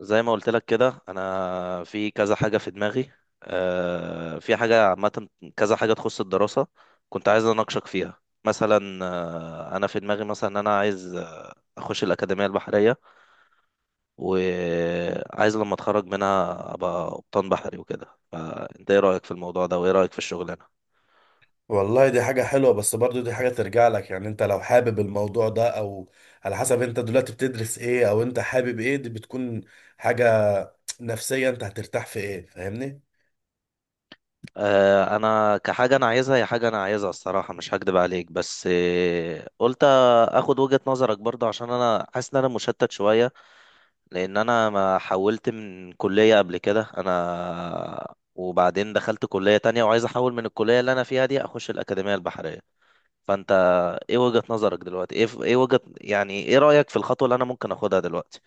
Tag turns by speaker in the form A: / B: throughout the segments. A: زي ما قلت لك كده انا في كذا حاجه في دماغي. في حاجه عامه. كذا حاجه تخص الدراسه. كنت عايز اناقشك فيها مثلا انا في دماغي مثلا ان انا عايز اخش الاكاديميه البحريه، وعايز لما اتخرج منها ابقى قبطان بحري وكده. انت ايه رايك في الموضوع ده وايه رايك في الشغلانه؟
B: والله دي حاجة حلوة، بس برضو دي حاجة ترجع لك. يعني انت لو حابب الموضوع ده او على حسب انت دلوقتي بتدرس ايه او انت حابب ايه، دي بتكون حاجة نفسية. انت هترتاح في ايه؟ فاهمني؟
A: انا كحاجه انا عايزها، هي حاجه انا عايزها الصراحه، مش هكدب عليك، بس قلت اخد وجهه نظرك برضه عشان انا حاسس ان انا مشتت شويه. لان انا ما حولت من كلية قبل كده انا، وبعدين دخلت كلية تانية وعايز احول من الكلية اللي انا فيها دي اخش الأكاديمية البحرية. فانت ايه وجهة نظرك دلوقتي؟ ايه وجهة، يعني ايه رأيك في الخطوة اللي انا ممكن اخدها دلوقتي؟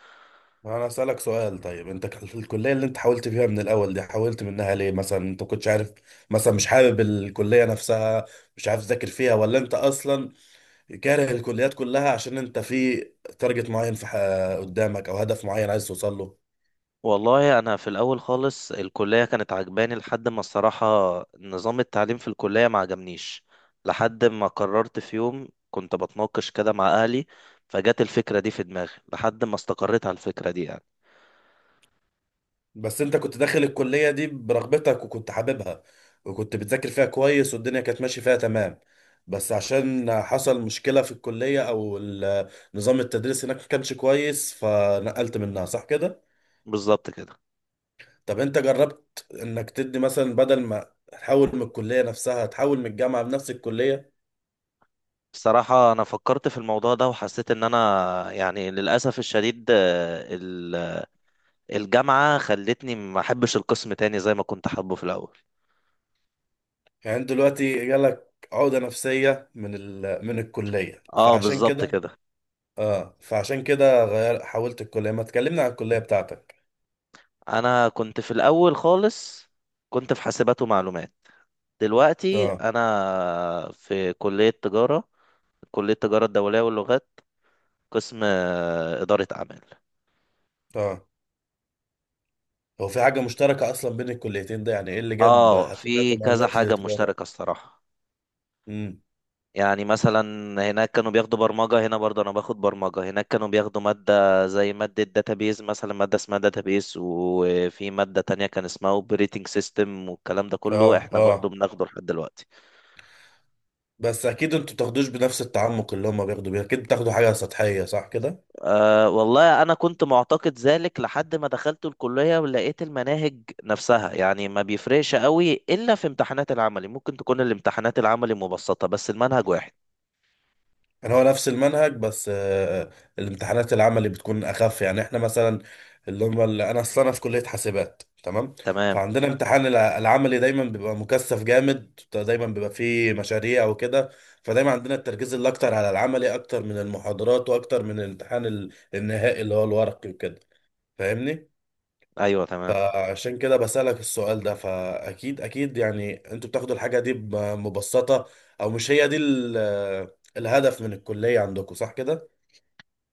B: ما انا اسألك سؤال. طيب انت في الكلية اللي انت حاولت فيها من الاول دي، حاولت منها ليه؟ مثلا انت كنتش عارف، مثلا مش حابب الكلية نفسها، مش عارف تذاكر فيها، ولا انت اصلا كاره الكليات كلها عشان انت في تارجت معين في قدامك او هدف معين عايز توصل له؟
A: والله انا في الاول خالص الكلية كانت عجباني، لحد ما الصراحة نظام التعليم في الكلية ما عجبنيش. لحد ما قررت في يوم كنت بتناقش كده مع اهلي، فجت الفكرة دي في دماغي، لحد ما استقريت على الفكرة دي يعني.
B: بس انت كنت داخل الكلية دي برغبتك وكنت حاببها وكنت بتذاكر فيها كويس والدنيا كانت ماشية فيها تمام، بس عشان حصل مشكلة في الكلية او نظام التدريس هناك ما كانش كويس فنقلت منها، صح كده؟
A: بالظبط كده.
B: طب انت جربت انك تدي مثلا بدل ما تحول من الكلية نفسها تحول من الجامعة لنفس الكلية؟
A: بصراحة أنا فكرت في الموضوع ده وحسيت إن أنا يعني للأسف الشديد الجامعة خلتني ما أحبش القسم تاني زي ما كنت حابه في الأول.
B: يعني انت دلوقتي جالك عقدة نفسية من الكلية،
A: أه
B: فعشان
A: بالظبط
B: كده.
A: كده.
B: اه، فعشان كده غير حولت الكلية ما تكلمنا عن الكلية بتاعتك.
A: أنا كنت في الأول خالص، كنت في حاسبات ومعلومات. دلوقتي
B: اه،
A: أنا في كلية تجارة، كلية تجارة الدولية واللغات، قسم إدارة أعمال.
B: اه. هو في حاجة مشتركة أصلا بين الكليتين ده؟ يعني إيه اللي جاب
A: أه
B: حاسبات
A: في كذا
B: ومعلومات
A: حاجة
B: لتجارة؟
A: مشتركة الصراحة.
B: امم.
A: يعني مثلا هناك كانوا بياخدوا برمجة، هنا برضه أنا باخد برمجة. هناك كانوا بياخدوا مادة زي مادة داتابيز، مثلا مادة اسمها داتابيز، وفي مادة تانية كان اسمها اوبريتنج سيستم، والكلام ده كله
B: آه،
A: احنا برضه
B: آه.
A: بناخده لحد دلوقتي.
B: بس أكيد أنتوا بتاخدوش بنفس التعمق اللي هما بياخدوا بيه، أكيد بتاخدوا حاجة سطحية، صح كده؟
A: أه والله أنا كنت معتقد ذلك لحد ما دخلت الكلية ولقيت المناهج نفسها، يعني ما بيفرقش قوي إلا في امتحانات العملي. ممكن تكون الامتحانات العملي مبسطة بس المنهج واحد.
B: يعني هو نفس المنهج، بس الامتحانات العملي بتكون اخف. يعني احنا مثلا اللي هم اللي انا اصلا انا في كليه حاسبات، تمام.
A: تمام.
B: فعندنا امتحان العملي دايما بيبقى مكثف جامد، دايما بيبقى فيه مشاريع وكده. فدايما عندنا التركيز اللي اكتر على العملي اكتر من المحاضرات واكتر من الامتحان النهائي اللي هو الورقي وكده. فاهمني.
A: أيوه تمام.
B: فعشان كده بسألك السؤال ده، فأكيد أكيد يعني أنتوا بتاخدوا الحاجة دي بمبسطة، أو مش هي دي الهدف من الكلية عندكم، صح كده؟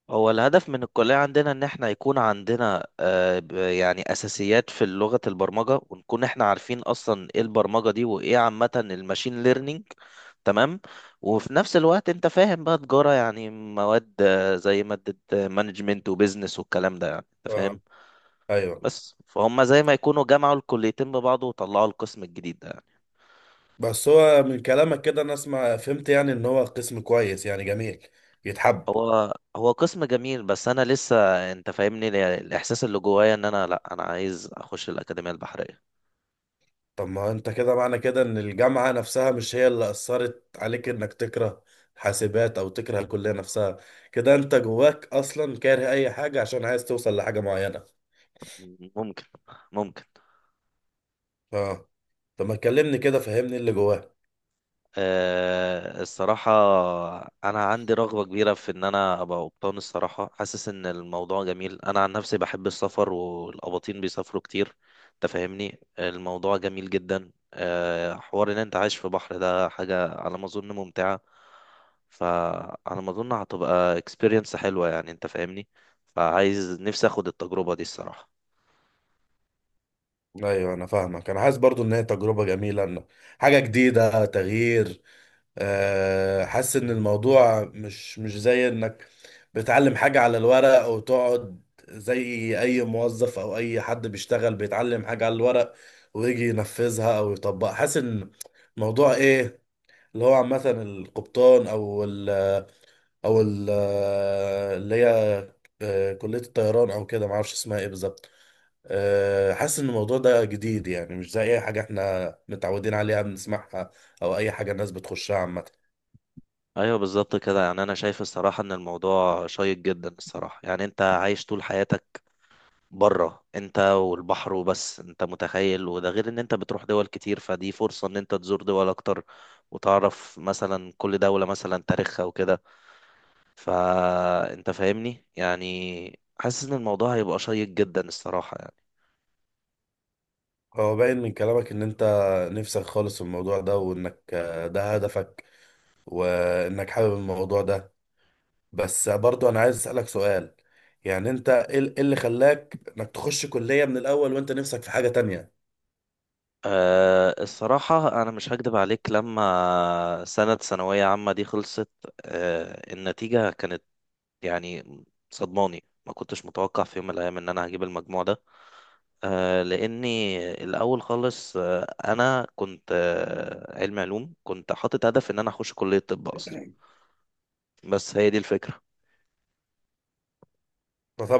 A: هو الهدف من الكلية عندنا إن إحنا يكون عندنا يعني أساسيات في لغة البرمجة، ونكون إحنا عارفين أصلا إيه البرمجة دي وإيه عامة الماشين ليرنينج. تمام. وفي نفس الوقت أنت فاهم بقى تجارة يعني مواد زي مادة مانجمنت وبيزنس والكلام ده، يعني أنت فاهم.
B: اه، ايوه.
A: بس فهم زي ما يكونوا جمعوا الكليتين ببعض وطلعوا القسم الجديد ده يعني.
B: بس هو من كلامك كده انا اسمع فهمت يعني ان هو قسم كويس، يعني جميل يتحب.
A: هو قسم جميل، بس أنا لسه، أنت فاهمني، الإحساس اللي جوايا إن أنا، لأ أنا عايز أخش الأكاديمية البحرية.
B: طب ما انت كده معنى كده ان الجامعة نفسها مش هي اللي اثرت عليك انك تكره حاسبات او تكره الكلية نفسها. كده انت جواك اصلا كاره اي حاجة، عشان عايز توصل لحاجة معينة.
A: ممكن. ممكن.
B: اه. طب ما تكلمني كده، فهمني اللي جواك.
A: أه الصراحة. أنا عندي رغبة كبيرة في إن أنا أبقى قبطان. الصراحة حاسس إن الموضوع جميل، أنا عن نفسي بحب السفر والقباطين بيسافروا كتير. أنت فاهمني، الموضوع جميل جدا. أه حوار إن أنت عايش في بحر، ده حاجة على ما أظن ممتعة. فعلى ما أظن هتبقى experience حلوة، يعني أنت فاهمني. فعايز نفسي أخد التجربة دي الصراحة.
B: ايوه انا فاهمك. انا حاسس برضو ان هي تجربة جميلة، إن حاجة جديدة، تغيير. حاسس ان الموضوع مش زي انك بتعلم حاجة على الورق، او تقعد زي اي موظف او اي حد بيشتغل بيتعلم حاجة على الورق، ويجي ينفذها او يطبقها. حاسس ان الموضوع ايه، اللي هو عامة القبطان او ال او ال آه، اللي هي كلية الطيران او كده معرفش اسمها ايه بالظبط. حاسس ان الموضوع ده جديد، يعني مش زي اي حاجة احنا متعودين عليها بنسمعها، او اي حاجة الناس بتخشها عامة.
A: ايوه بالظبط كده. يعني انا شايف الصراحه ان الموضوع شيق جدا الصراحه، يعني انت عايش طول حياتك بره، انت والبحر وبس، انت متخيل. وده غير ان انت بتروح دول كتير، فدي فرصه ان انت تزور دول اكتر وتعرف مثلا كل دوله مثلا تاريخها وكده. فانت فاهمني، يعني حاسس ان الموضوع هيبقى شيق جدا الصراحه يعني.
B: هو باين من كلامك ان انت نفسك خالص في الموضوع ده وانك ده هدفك وانك حابب الموضوع ده. بس برضو انا عايز اسألك سؤال. يعني انت ايه إيه اللي خلاك انك تخش كلية من الاول وانت نفسك في حاجة تانية؟
A: أه الصراحة أنا مش هكدب عليك، لما سنة ثانوية عامة دي خلصت، أه النتيجة كانت يعني صدماني. ما كنتش متوقع في يوم من الأيام إن أنا هجيب المجموع ده، لأني الأول خالص، أنا كنت علم علوم، كنت حاطط هدف إن أنا أخش كلية طب أصلا، بس هي دي الفكرة.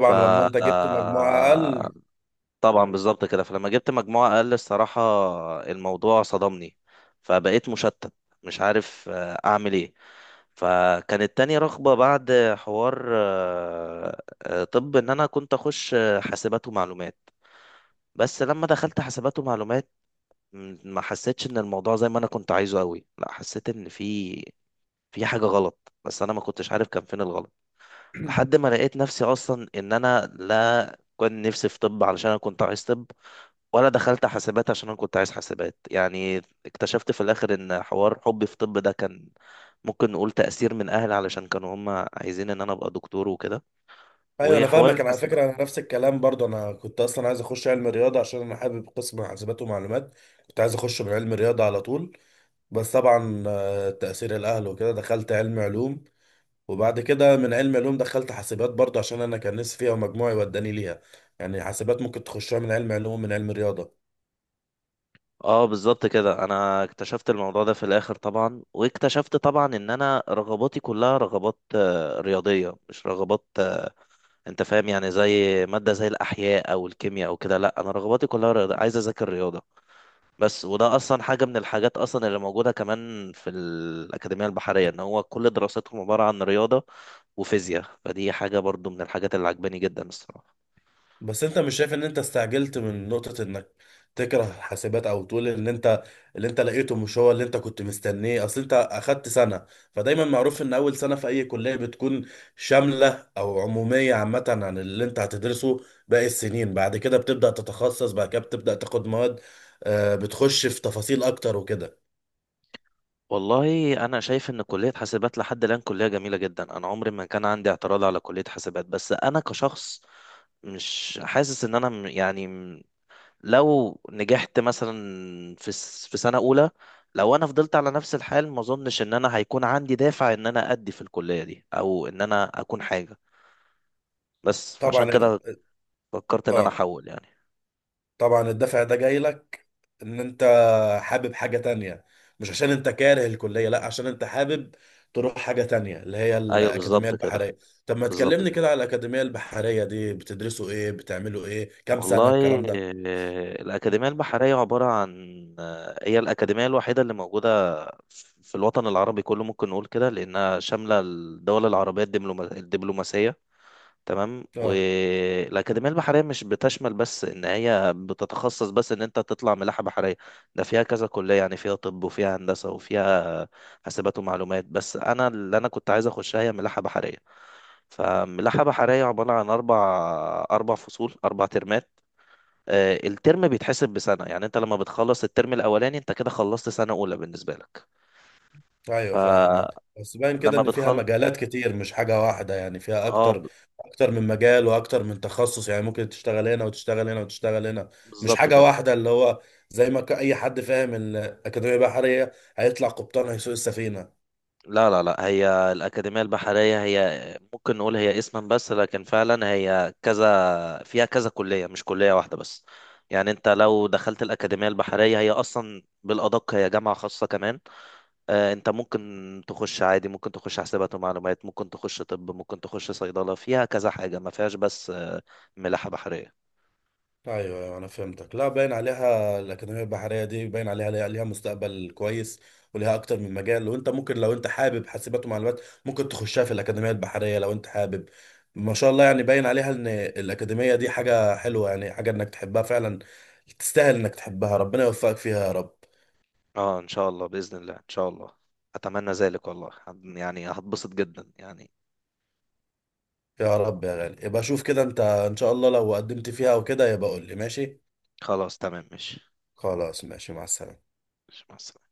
A: ف
B: لما انت جبت مجموعة
A: آه،
B: اقل.
A: طبعا بالظبط كده. فلما جبت مجموعة أقل الصراحة الموضوع صدمني، فبقيت مشتت، مش عارف أعمل إيه. فكانت تاني رغبة بعد حوار، طب إن أنا كنت أخش حاسبات ومعلومات. بس لما دخلت حاسبات ومعلومات ما حسيتش إن الموضوع زي ما أنا كنت عايزه أوي، لا حسيت إن في في حاجة غلط، بس أنا ما كنتش عارف كان فين الغلط. لحد ما لقيت نفسي أصلا إن أنا لا كنت نفسي في طب علشان أنا كنت عايز طب، ولا دخلت حاسبات عشان انا كنت عايز حاسبات يعني. اكتشفت في الاخر ان حوار حبي في طب ده كان ممكن نقول تأثير من اهلي، علشان كانوا هم عايزين ان انا ابقى دكتور وكده.
B: ايوه انا
A: وحوار
B: فاهمك. انا على
A: الحاسبات.
B: فكرة انا نفس الكلام برضو. انا كنت اصلا عايز اخش علم رياضة عشان انا حابب قسم حاسبات ومعلومات. كنت عايز اخش من علم رياضة على طول، بس طبعا تأثير الاهل وكده دخلت علم علوم. وبعد كده من علم علوم دخلت حاسبات برضه عشان انا كان نفسي فيها ومجموعي وداني ليها. يعني حاسبات ممكن تخشها من علم علوم، من علم رياضة.
A: اه بالظبط كده، انا اكتشفت الموضوع ده في الاخر طبعا، واكتشفت طبعا ان انا رغباتي كلها رغبات رياضية، مش رغبات انت فاهم يعني، زي مادة زي الاحياء او الكيمياء او كده، لا انا رغباتي كلها رياضة، عايز اذاكر رياضة بس. وده اصلا حاجه من الحاجات اصلا اللي موجوده كمان في الاكاديميه البحريه، ان هو كل دراستهم عباره عن رياضه وفيزياء، فدي حاجه برضو من الحاجات اللي عجباني جدا الصراحه.
B: بس انت مش شايف ان انت استعجلت من نقطة انك تكره حاسبات او تقول ان انت اللي انت لقيته مش هو اللي انت كنت مستنيه؟ اصل انت اخدت سنة، فدايما معروف ان اول سنة في اي كلية بتكون شاملة او عمومية عامة عن اللي انت هتدرسه. باقي السنين بعد كده بتبدأ تتخصص، بعد كده بتبدأ تاخد مواد بتخش في تفاصيل اكتر وكده.
A: والله انا شايف ان كليه حاسبات لحد الان كليه جميله جدا، انا عمري ما كان عندي اعتراض على كليه حاسبات، بس انا كشخص مش حاسس ان انا يعني لو نجحت مثلا في سنه اولى، لو انا فضلت على نفس الحال ما اظنش ان انا هيكون عندي دافع ان انا ادي في الكليه دي، او ان انا اكون حاجه. بس فعشان
B: طبعا.
A: كده فكرت ان انا
B: اه،
A: احول يعني.
B: طبعا الدافع ده جاي لك ان انت حابب حاجة تانية، مش عشان انت كاره الكلية، لا عشان انت حابب تروح حاجة تانية اللي هي
A: ايوه
B: الأكاديمية
A: بالظبط كده.
B: البحرية. طب ما
A: بالظبط
B: تكلمني
A: كده.
B: كده على الأكاديمية البحرية دي، بتدرسوا ايه؟ بتعملوا ايه؟ كام سنة
A: والله
B: الكلام ده؟
A: الأكاديمية البحرية عبارة عن هي الأكاديمية الوحيدة اللي موجودة في الوطن العربي كله، ممكن نقول كده، لأنها شاملة الدول العربية الدبلوماسية. تمام.
B: اه،
A: والأكاديمية البحرية مش بتشمل بس إن هي بتتخصص بس إن أنت تطلع ملاحة بحرية، ده فيها كذا كلية. يعني فيها طب وفيها هندسة وفيها حاسبات ومعلومات، بس أنا اللي أنا كنت عايز أخشها هي ملاحة بحرية. فملاحة بحرية عبارة عن أربع فصول، أربع ترمات. الترم بيتحسب بسنة، يعني أنت لما بتخلص الترم الأولاني أنت كده خلصت سنة أولى بالنسبة لك.
B: ايوه فاهمك.
A: فلما
B: بس باين كده ان فيها
A: بتخلص
B: مجالات كتير، مش حاجه واحده، يعني فيها
A: آه
B: اكتر
A: ب-
B: اكتر من مجال واكتر من تخصص. يعني ممكن تشتغل هنا وتشتغل هنا وتشتغل هنا، مش
A: بالظبط
B: حاجه
A: كده.
B: واحده اللي هو زي ما اي حد فاهم الاكاديميه البحريه هيطلع قبطان هيسوق السفينه.
A: لا لا لا، هي الأكاديمية البحرية هي ممكن نقول هي اسما بس، لكن فعلا هي كذا فيها كذا كلية، مش كلية واحدة بس، يعني أنت لو دخلت الأكاديمية البحرية هي أصلا بالأدق هي جامعة خاصة كمان. انت ممكن تخش عادي، ممكن تخش حسابات ومعلومات، ممكن تخش طب، ممكن تخش صيدلة، فيها كذا حاجة ما فيهاش بس ملاحة بحرية.
B: ايوه، ايوه انا فهمتك. لا باين عليها الاكاديميه البحريه دي، باين عليها ليها مستقبل كويس وليها اكتر من مجال. وانت ممكن لو انت حابب حاسبات ومعلومات ممكن تخشها في الاكاديميه البحريه لو انت حابب. ما شاء الله، يعني باين عليها ان الاكاديميه دي حاجه حلوه، يعني حاجه انك تحبها فعلا، تستاهل انك تحبها. ربنا يوفقك فيها يا رب.
A: اه ان شاء الله، بإذن الله، ان شاء الله، اتمنى ذلك والله، يعني هتبسط جدا يعني.
B: يا رب يا غالي، يبقى شوف كده انت، ان شاء الله لو قدمت فيها او كده يبقى قول لي، ماشي؟
A: خلاص تمام ماشي.
B: خلاص ماشي، مع السلامه.
A: ماشي، مع السلامة.